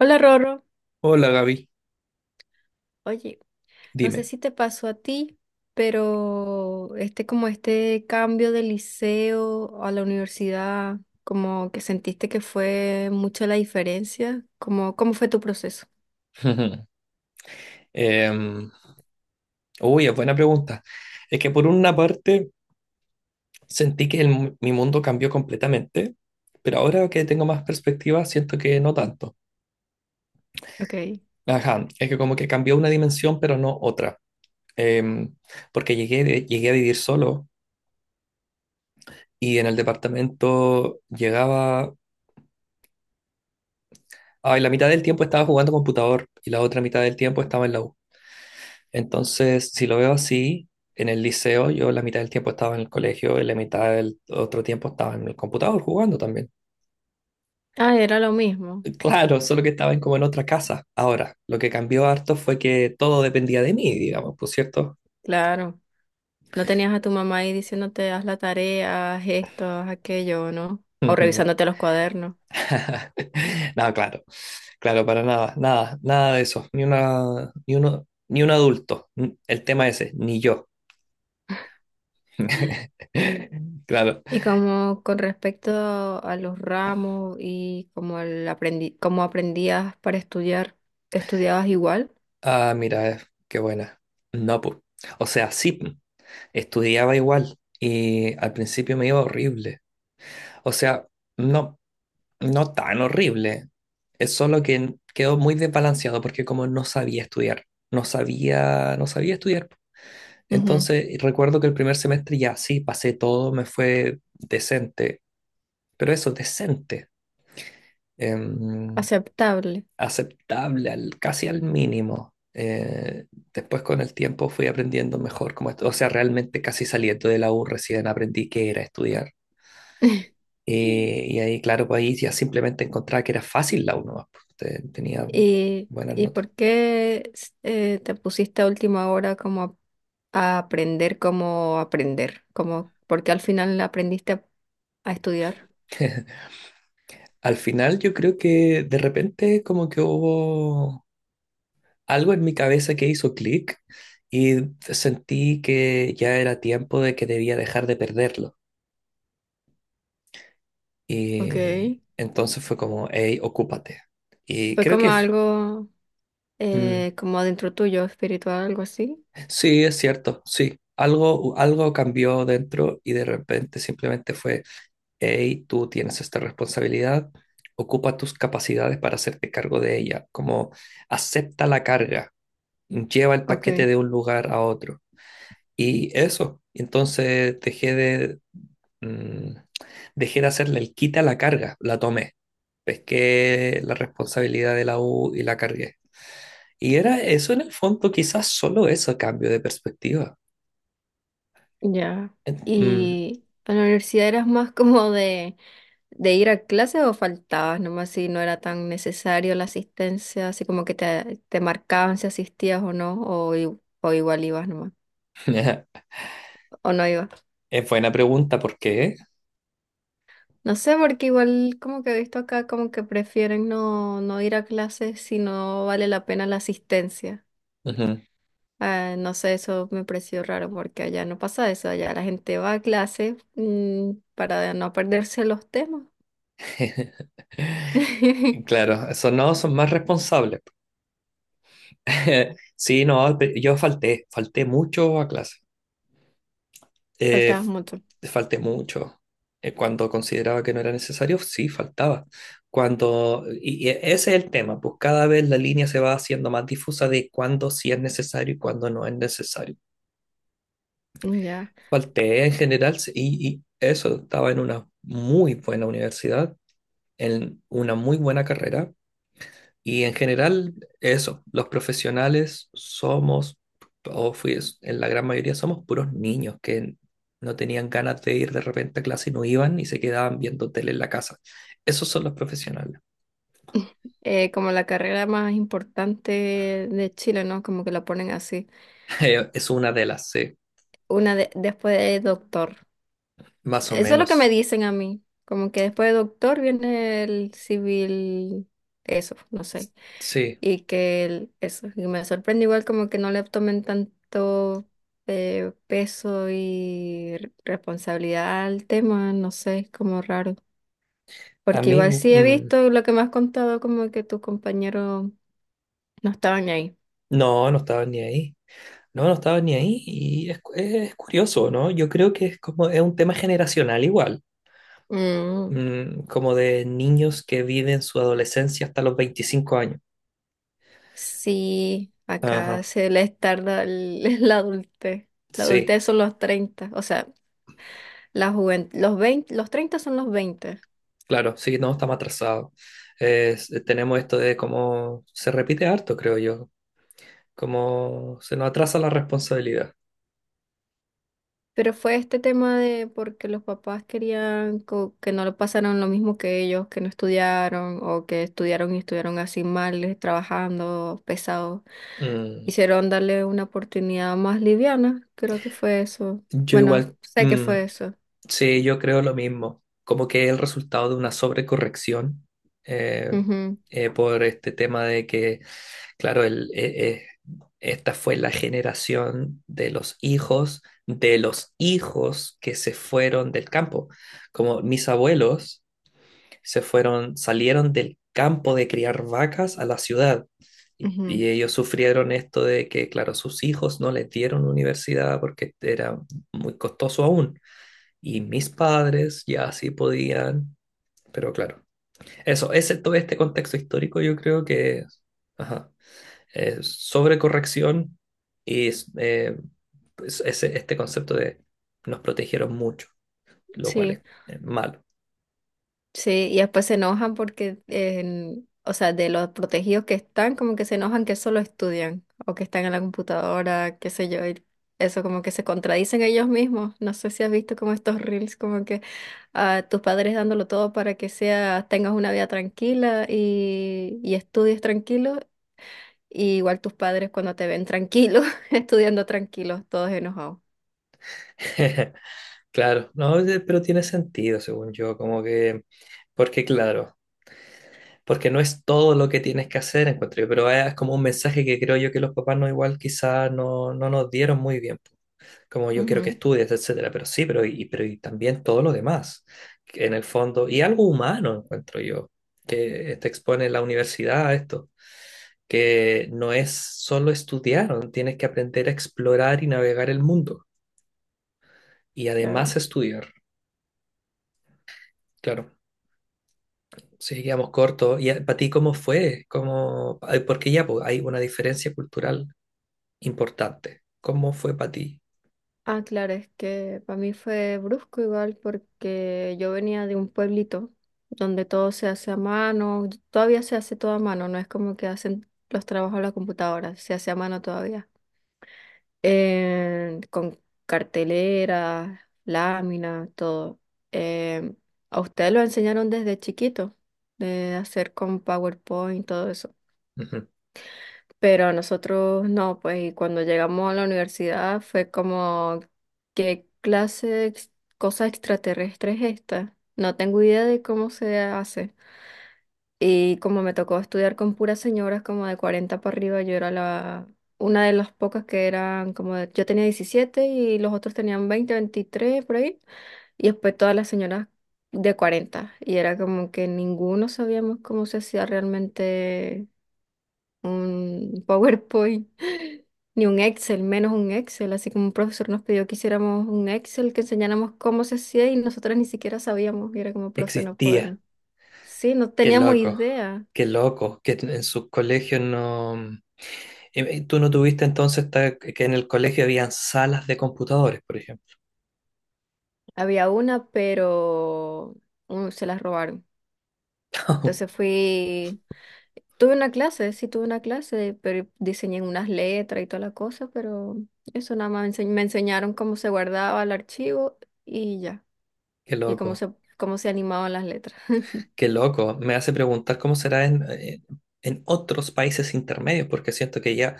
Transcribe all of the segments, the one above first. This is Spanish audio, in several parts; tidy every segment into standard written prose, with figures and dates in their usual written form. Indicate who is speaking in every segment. Speaker 1: Hola Rorro,
Speaker 2: Hola Gaby,
Speaker 1: oye, no sé
Speaker 2: dime.
Speaker 1: si te pasó a ti, pero como este cambio de liceo a la universidad, como que sentiste que fue mucha la diferencia, como cómo fue tu proceso.
Speaker 2: Em, uy, es buena pregunta. Es que por una parte sentí que mi mundo cambió completamente, pero ahora que tengo más perspectiva siento que no tanto.
Speaker 1: Ok.
Speaker 2: Ajá, es que como que cambió una dimensión, pero no otra. Em, porque llegué a vivir solo y en el departamento llegaba... Ay, la mitad del tiempo estaba jugando computador y la otra mitad del tiempo estaba en la U. Entonces, si lo veo así, en el liceo yo la mitad del tiempo estaba en el colegio y la mitad del otro tiempo estaba en el computador jugando también.
Speaker 1: Ah, era lo mismo,
Speaker 2: Claro, solo que como en otra casa. Ahora, lo que cambió harto fue que todo dependía de mí, digamos, ¿por cierto?
Speaker 1: claro. No tenías a tu mamá ahí diciéndote haz la tarea, haz esto, haz aquello, ¿no? O revisándote los cuadernos.
Speaker 2: No, claro, claro, para nada, nada, nada de eso, ni una, ni uno, ni un adulto, N- el tema ese, ni yo. Claro.
Speaker 1: Y como con respecto a los ramos y como el aprendi como aprendías para estudiar, estudiabas igual.
Speaker 2: Ah, mira, qué buena. No, pues. O sea, sí. po, Estudiaba igual y al principio me iba horrible. O sea, no, no tan horrible. Es solo que quedó muy desbalanceado porque como no sabía estudiar, no sabía, no sabía estudiar.
Speaker 1: Ujú.
Speaker 2: Entonces recuerdo que el primer semestre ya sí, pasé todo, me fue decente, pero eso, decente, em,
Speaker 1: Aceptable.
Speaker 2: aceptable, al- casi al mínimo. Después con el tiempo fui aprendiendo mejor, como, o sea, realmente casi saliendo de la U recién aprendí qué era estudiar. Y ahí, claro, pues ahí ya simplemente encontraba que era fácil la uno más, pues, te- tenía
Speaker 1: ¿Y,
Speaker 2: buenas
Speaker 1: y
Speaker 2: notas.
Speaker 1: ¿por qué te pusiste a última hora como a aprender cómo aprender? Como, ¿por qué al final aprendiste a estudiar?
Speaker 2: Al final yo creo que de repente como que hubo algo en mi cabeza que hizo clic y sentí que ya era tiempo de que debía dejar de perderlo.
Speaker 1: Ok.
Speaker 2: Y entonces fue como, hey, ocúpate. Y
Speaker 1: Fue
Speaker 2: creo
Speaker 1: como
Speaker 2: que
Speaker 1: algo,
Speaker 2: mm,
Speaker 1: como dentro tuyo, espiritual, algo así.
Speaker 2: sí, es cierto, sí. Algo, algo cambió dentro y de repente simplemente fue hey, tú tienes esta responsabilidad, ocupa tus capacidades para hacerte cargo de ella, como acepta la carga, lleva el paquete
Speaker 1: Ok.
Speaker 2: de un lugar a otro. Y eso, entonces mm, dejé de hacerle el quita a la carga, la tomé, pesqué la responsabilidad de la U y la cargué. Y era eso en el fondo, quizás solo eso, cambio de perspectiva.
Speaker 1: Ya.
Speaker 2: En- mm,
Speaker 1: ¿Y en la universidad eras más como de ir a clase o faltabas nomás si no era tan necesario la asistencia, así como que te marcaban si asistías o no, o, o igual ibas nomás, o no ibas?
Speaker 2: Es buena pregunta, ¿por qué?
Speaker 1: No sé, porque igual como que he visto acá como que prefieren no, no ir a clase si no vale la pena la asistencia.
Speaker 2: Ujú.
Speaker 1: Ah, no sé, eso me pareció raro porque allá no pasa eso, allá la gente va a clase, para no perderse los temas.
Speaker 2: Claro, esos no son más responsables. Sí, no, pe- yo falté, falté mucho a clase. Eh,
Speaker 1: Faltabas un montón.
Speaker 2: falté mucho. Cuando consideraba que no era necesario, sí, faltaba. Cuando, y ese es el tema, pues cada vez la línea se va haciendo más difusa de cuándo sí es necesario y cuándo no es necesario.
Speaker 1: Mm, ya.
Speaker 2: Falté en general sí, y eso, estaba en una muy buena universidad, en una muy buena carrera. Y en general, eso, los profesionales somos, o fui, en la gran mayoría somos puros niños que no tenían ganas de ir de repente a clase y no iban y se quedaban viendo tele en la casa. Esos son los profesionales.
Speaker 1: Como la carrera más importante de Chile, ¿no? Como que la ponen así.
Speaker 2: Es una de las, sí,
Speaker 1: Una después de doctor.
Speaker 2: más o
Speaker 1: Eso es lo que me
Speaker 2: menos.
Speaker 1: dicen a mí. Como que después de doctor viene el civil, eso, no sé.
Speaker 2: Sí,
Speaker 1: Y que eso. Y me sorprende igual como que no le tomen tanto, peso y responsabilidad al tema, no sé, es como raro.
Speaker 2: a
Speaker 1: Porque
Speaker 2: mí,
Speaker 1: igual sí he visto lo que me has contado, como que tus compañeros no estaban ahí.
Speaker 2: no, no estaba ni ahí. No, no estaba ni ahí y es curioso, ¿no? Yo creo que es como, es un tema generacional igual,
Speaker 1: Mm,
Speaker 2: como de niños que viven su adolescencia hasta los 25 años.
Speaker 1: sí,
Speaker 2: Ajá,
Speaker 1: acá se les tarda la adultez. La
Speaker 2: sí,
Speaker 1: adultez son los 30, o sea, la juventud, los 20, los 30 son los 20.
Speaker 2: claro, sí, no, estamos atrasados. Tenemos esto de cómo se repite harto, creo yo, cómo se nos atrasa la responsabilidad.
Speaker 1: Pero fue este tema de porque los papás querían, que no lo pasaran lo mismo que ellos, que no estudiaron o que estudiaron y estuvieron así mal, trabajando, pesados.
Speaker 2: Mm,
Speaker 1: Quisieron darle una oportunidad más liviana, creo que fue eso.
Speaker 2: yo
Speaker 1: Bueno,
Speaker 2: igual,
Speaker 1: sé que fue eso.
Speaker 2: sí, yo creo lo mismo, como que es el resultado de una sobrecorrección eh,
Speaker 1: Ujú,
Speaker 2: por este tema de que, claro, esta fue la generación de los hijos que se fueron del campo, como mis abuelos. Se fueron, salieron del campo de criar vacas a la ciudad.
Speaker 1: ujú.
Speaker 2: Y ellos sufrieron esto de que, claro, sus hijos no les dieron universidad porque era muy costoso aún. Y mis padres ya sí podían, pero claro, eso, ese, todo este contexto histórico yo creo que ajá, sobre corrección y eh, pues, ese, este concepto de nos protegieron mucho, lo cual es
Speaker 1: Sí.
Speaker 2: malo.
Speaker 1: Sí, y después se enojan porque, o sea, de los protegidos que están, como que se enojan que solo estudian o que están en la computadora, qué sé yo, y eso como que se contradicen ellos mismos. No sé si has visto como estos reels, como que a tus padres dándolo todo para que sea, tengas una vida tranquila y estudies tranquilo, y igual tus padres cuando te ven tranquilo, estudiando tranquilos, todos enojados.
Speaker 2: Claro, no, pero tiene sentido, según yo, como que, porque claro, porque no es todo lo que tienes que hacer, encuentro yo, pero es como un mensaje que creo yo que los papás no igual quizás no, no nos dieron muy bien, como yo quiero que
Speaker 1: Ujú,
Speaker 2: estudies, etcétera, pero sí, pero y también todo lo demás, que en el fondo, y algo humano, encuentro yo, que te expone la universidad a esto, que no es solo estudiar, tienes que aprender a explorar y navegar el mundo, y
Speaker 1: claro.
Speaker 2: además estudiar. Claro. Sí, quedamos cortos. ¿Y ah, para ti cómo fue? ¿Cómo... ay, porque ya pues, hay una diferencia cultural importante. ¿Cómo fue para ti?
Speaker 1: Ah, claro, es que para mí fue brusco igual porque yo venía de un pueblito donde todo se hace a mano, todavía se hace todo a mano, no es como que hacen los trabajos a la computadora, se hace a mano todavía. Con cartelera, lámina, todo. Eh, a ustedes lo enseñaron desde chiquito, de hacer con PowerPoint, todo eso,
Speaker 2: Ujú.
Speaker 1: pero nosotros no, pues, y cuando llegamos a la universidad fue como, ¿qué clase de cosa extraterrestre es esta? No tengo idea de cómo se hace. Y como me tocó estudiar con puras señoras como de 40 para arriba, yo era una de las pocas que eran como, yo tenía 17 y los otros tenían 20, 23 por ahí, y después todas las señoras de 40, y era como que ninguno sabíamos cómo se hacía realmente un PowerPoint, ni un Excel, menos un Excel. Así como un profesor nos pidió que hiciéramos un Excel, que enseñáramos cómo se hacía y nosotras ni siquiera sabíamos. Y era como, profe, no
Speaker 2: Existía.
Speaker 1: podemos. Sí, no
Speaker 2: Qué
Speaker 1: teníamos
Speaker 2: loco.
Speaker 1: idea.
Speaker 2: Qué loco. Que en sus colegios no... ¿Tú no tuviste entonces ta- que en el colegio habían salas de computadores, por ejemplo?
Speaker 1: Había una, pero se las robaron. Entonces tuve una clase, sí tuve una clase, pero diseñé unas letras y toda la cosa, pero eso nada más me enseñaron cómo se guardaba el archivo y ya,
Speaker 2: Qué
Speaker 1: y cómo
Speaker 2: loco.
Speaker 1: cómo se animaban las letras.
Speaker 2: Qué loco. Me hace preguntar cómo será en otros países intermedios, porque siento que ya,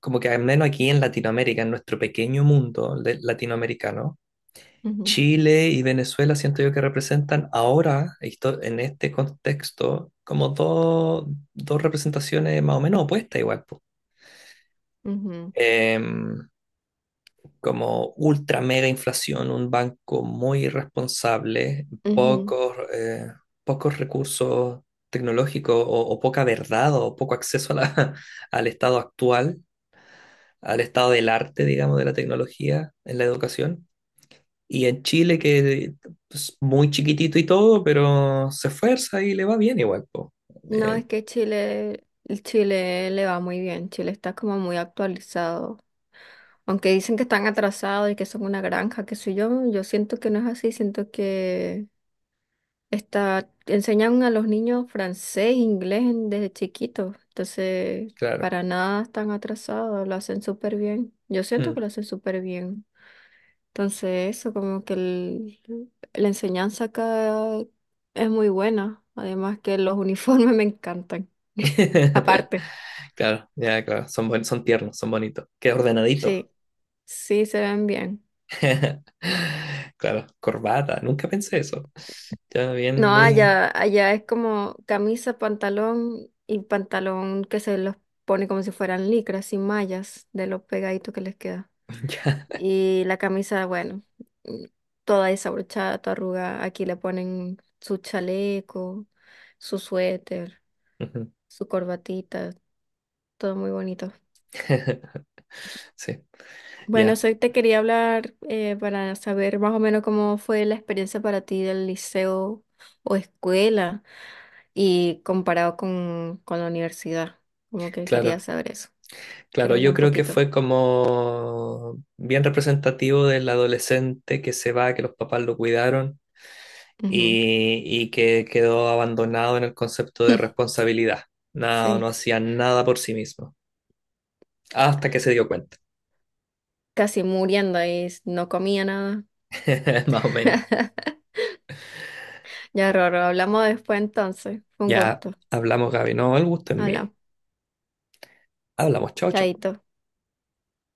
Speaker 2: como que al menos aquí en Latinoamérica, en nuestro pequeño latinoamericano,
Speaker 1: Ujú.
Speaker 2: Chile y Venezuela siento yo que representan ahora, esto- en este contexto, como dos, dos representaciones más o menos opuestas igual. Po.
Speaker 1: Ujú,
Speaker 2: Em, como ultra mega inflación, un banco muy irresponsable,
Speaker 1: ujú.
Speaker 2: pocos, pocos recursos tecnológicos o poca verdad o poco acceso a la- al estado actual, al estado del arte, digamos, de la tecnología en la educación. Y en Chile, que es muy chiquitito y todo, pero se esfuerza y le va bien igual, po.
Speaker 1: No,
Speaker 2: Eh,
Speaker 1: es que Chile, el Chile le va muy bien, Chile está como muy actualizado. Aunque dicen que están atrasados y que son una granja, que soy yo, yo siento que no es así, siento que enseñan a los niños francés, inglés desde chiquitos, entonces
Speaker 2: claro.
Speaker 1: para nada están atrasados, lo hacen súper bien. Yo siento
Speaker 2: Mm.
Speaker 1: que lo hacen súper bien. Entonces, eso como que la enseñanza acá es muy buena. Además que los uniformes me encantan. Aparte,
Speaker 2: Claro, ya, claro. Son, buen- son tiernos, son bonitos. Qué ordenaditos.
Speaker 1: sí, sí se ven bien.
Speaker 2: Claro, corbata. Nunca pensé eso. Ya, bien,
Speaker 1: No,
Speaker 2: muy...
Speaker 1: allá es como camisa, pantalón y pantalón que se los pone como si fueran licras, sin mallas, de lo pegadito que les queda.
Speaker 2: ya.
Speaker 1: Y la camisa, bueno, mm, toda desabrochada, toda arrugada. Aquí le ponen su chaleco, su suéter,
Speaker 2: Ujú.
Speaker 1: su corbatita. Todo muy bonito.
Speaker 2: Sí,
Speaker 1: Bueno,
Speaker 2: ya,
Speaker 1: te quería hablar, para saber más o menos cómo fue la experiencia para ti del liceo o escuela y comparado con la universidad. Como que quería
Speaker 2: claro.
Speaker 1: saber eso.
Speaker 2: Claro,
Speaker 1: Quería hablar
Speaker 2: yo
Speaker 1: un
Speaker 2: creo que
Speaker 1: poquito.
Speaker 2: fue como bien representativo del adolescente que se va, que los papás lo cuidaron
Speaker 1: Ujú.
Speaker 2: y que quedó abandonado en el concepto de responsabilidad. No,
Speaker 1: Sí,
Speaker 2: no hacía nada por sí mismo, hasta que se dio cuenta,
Speaker 1: casi muriendo y no comía nada.
Speaker 2: más o menos.
Speaker 1: Ya, Roro, hablamos después entonces. Fue un
Speaker 2: Ya
Speaker 1: gusto.
Speaker 2: hablamos, Gaby, no, el gusto es mío.
Speaker 1: Hola,
Speaker 2: Hablamos, chao, chao.
Speaker 1: chaito.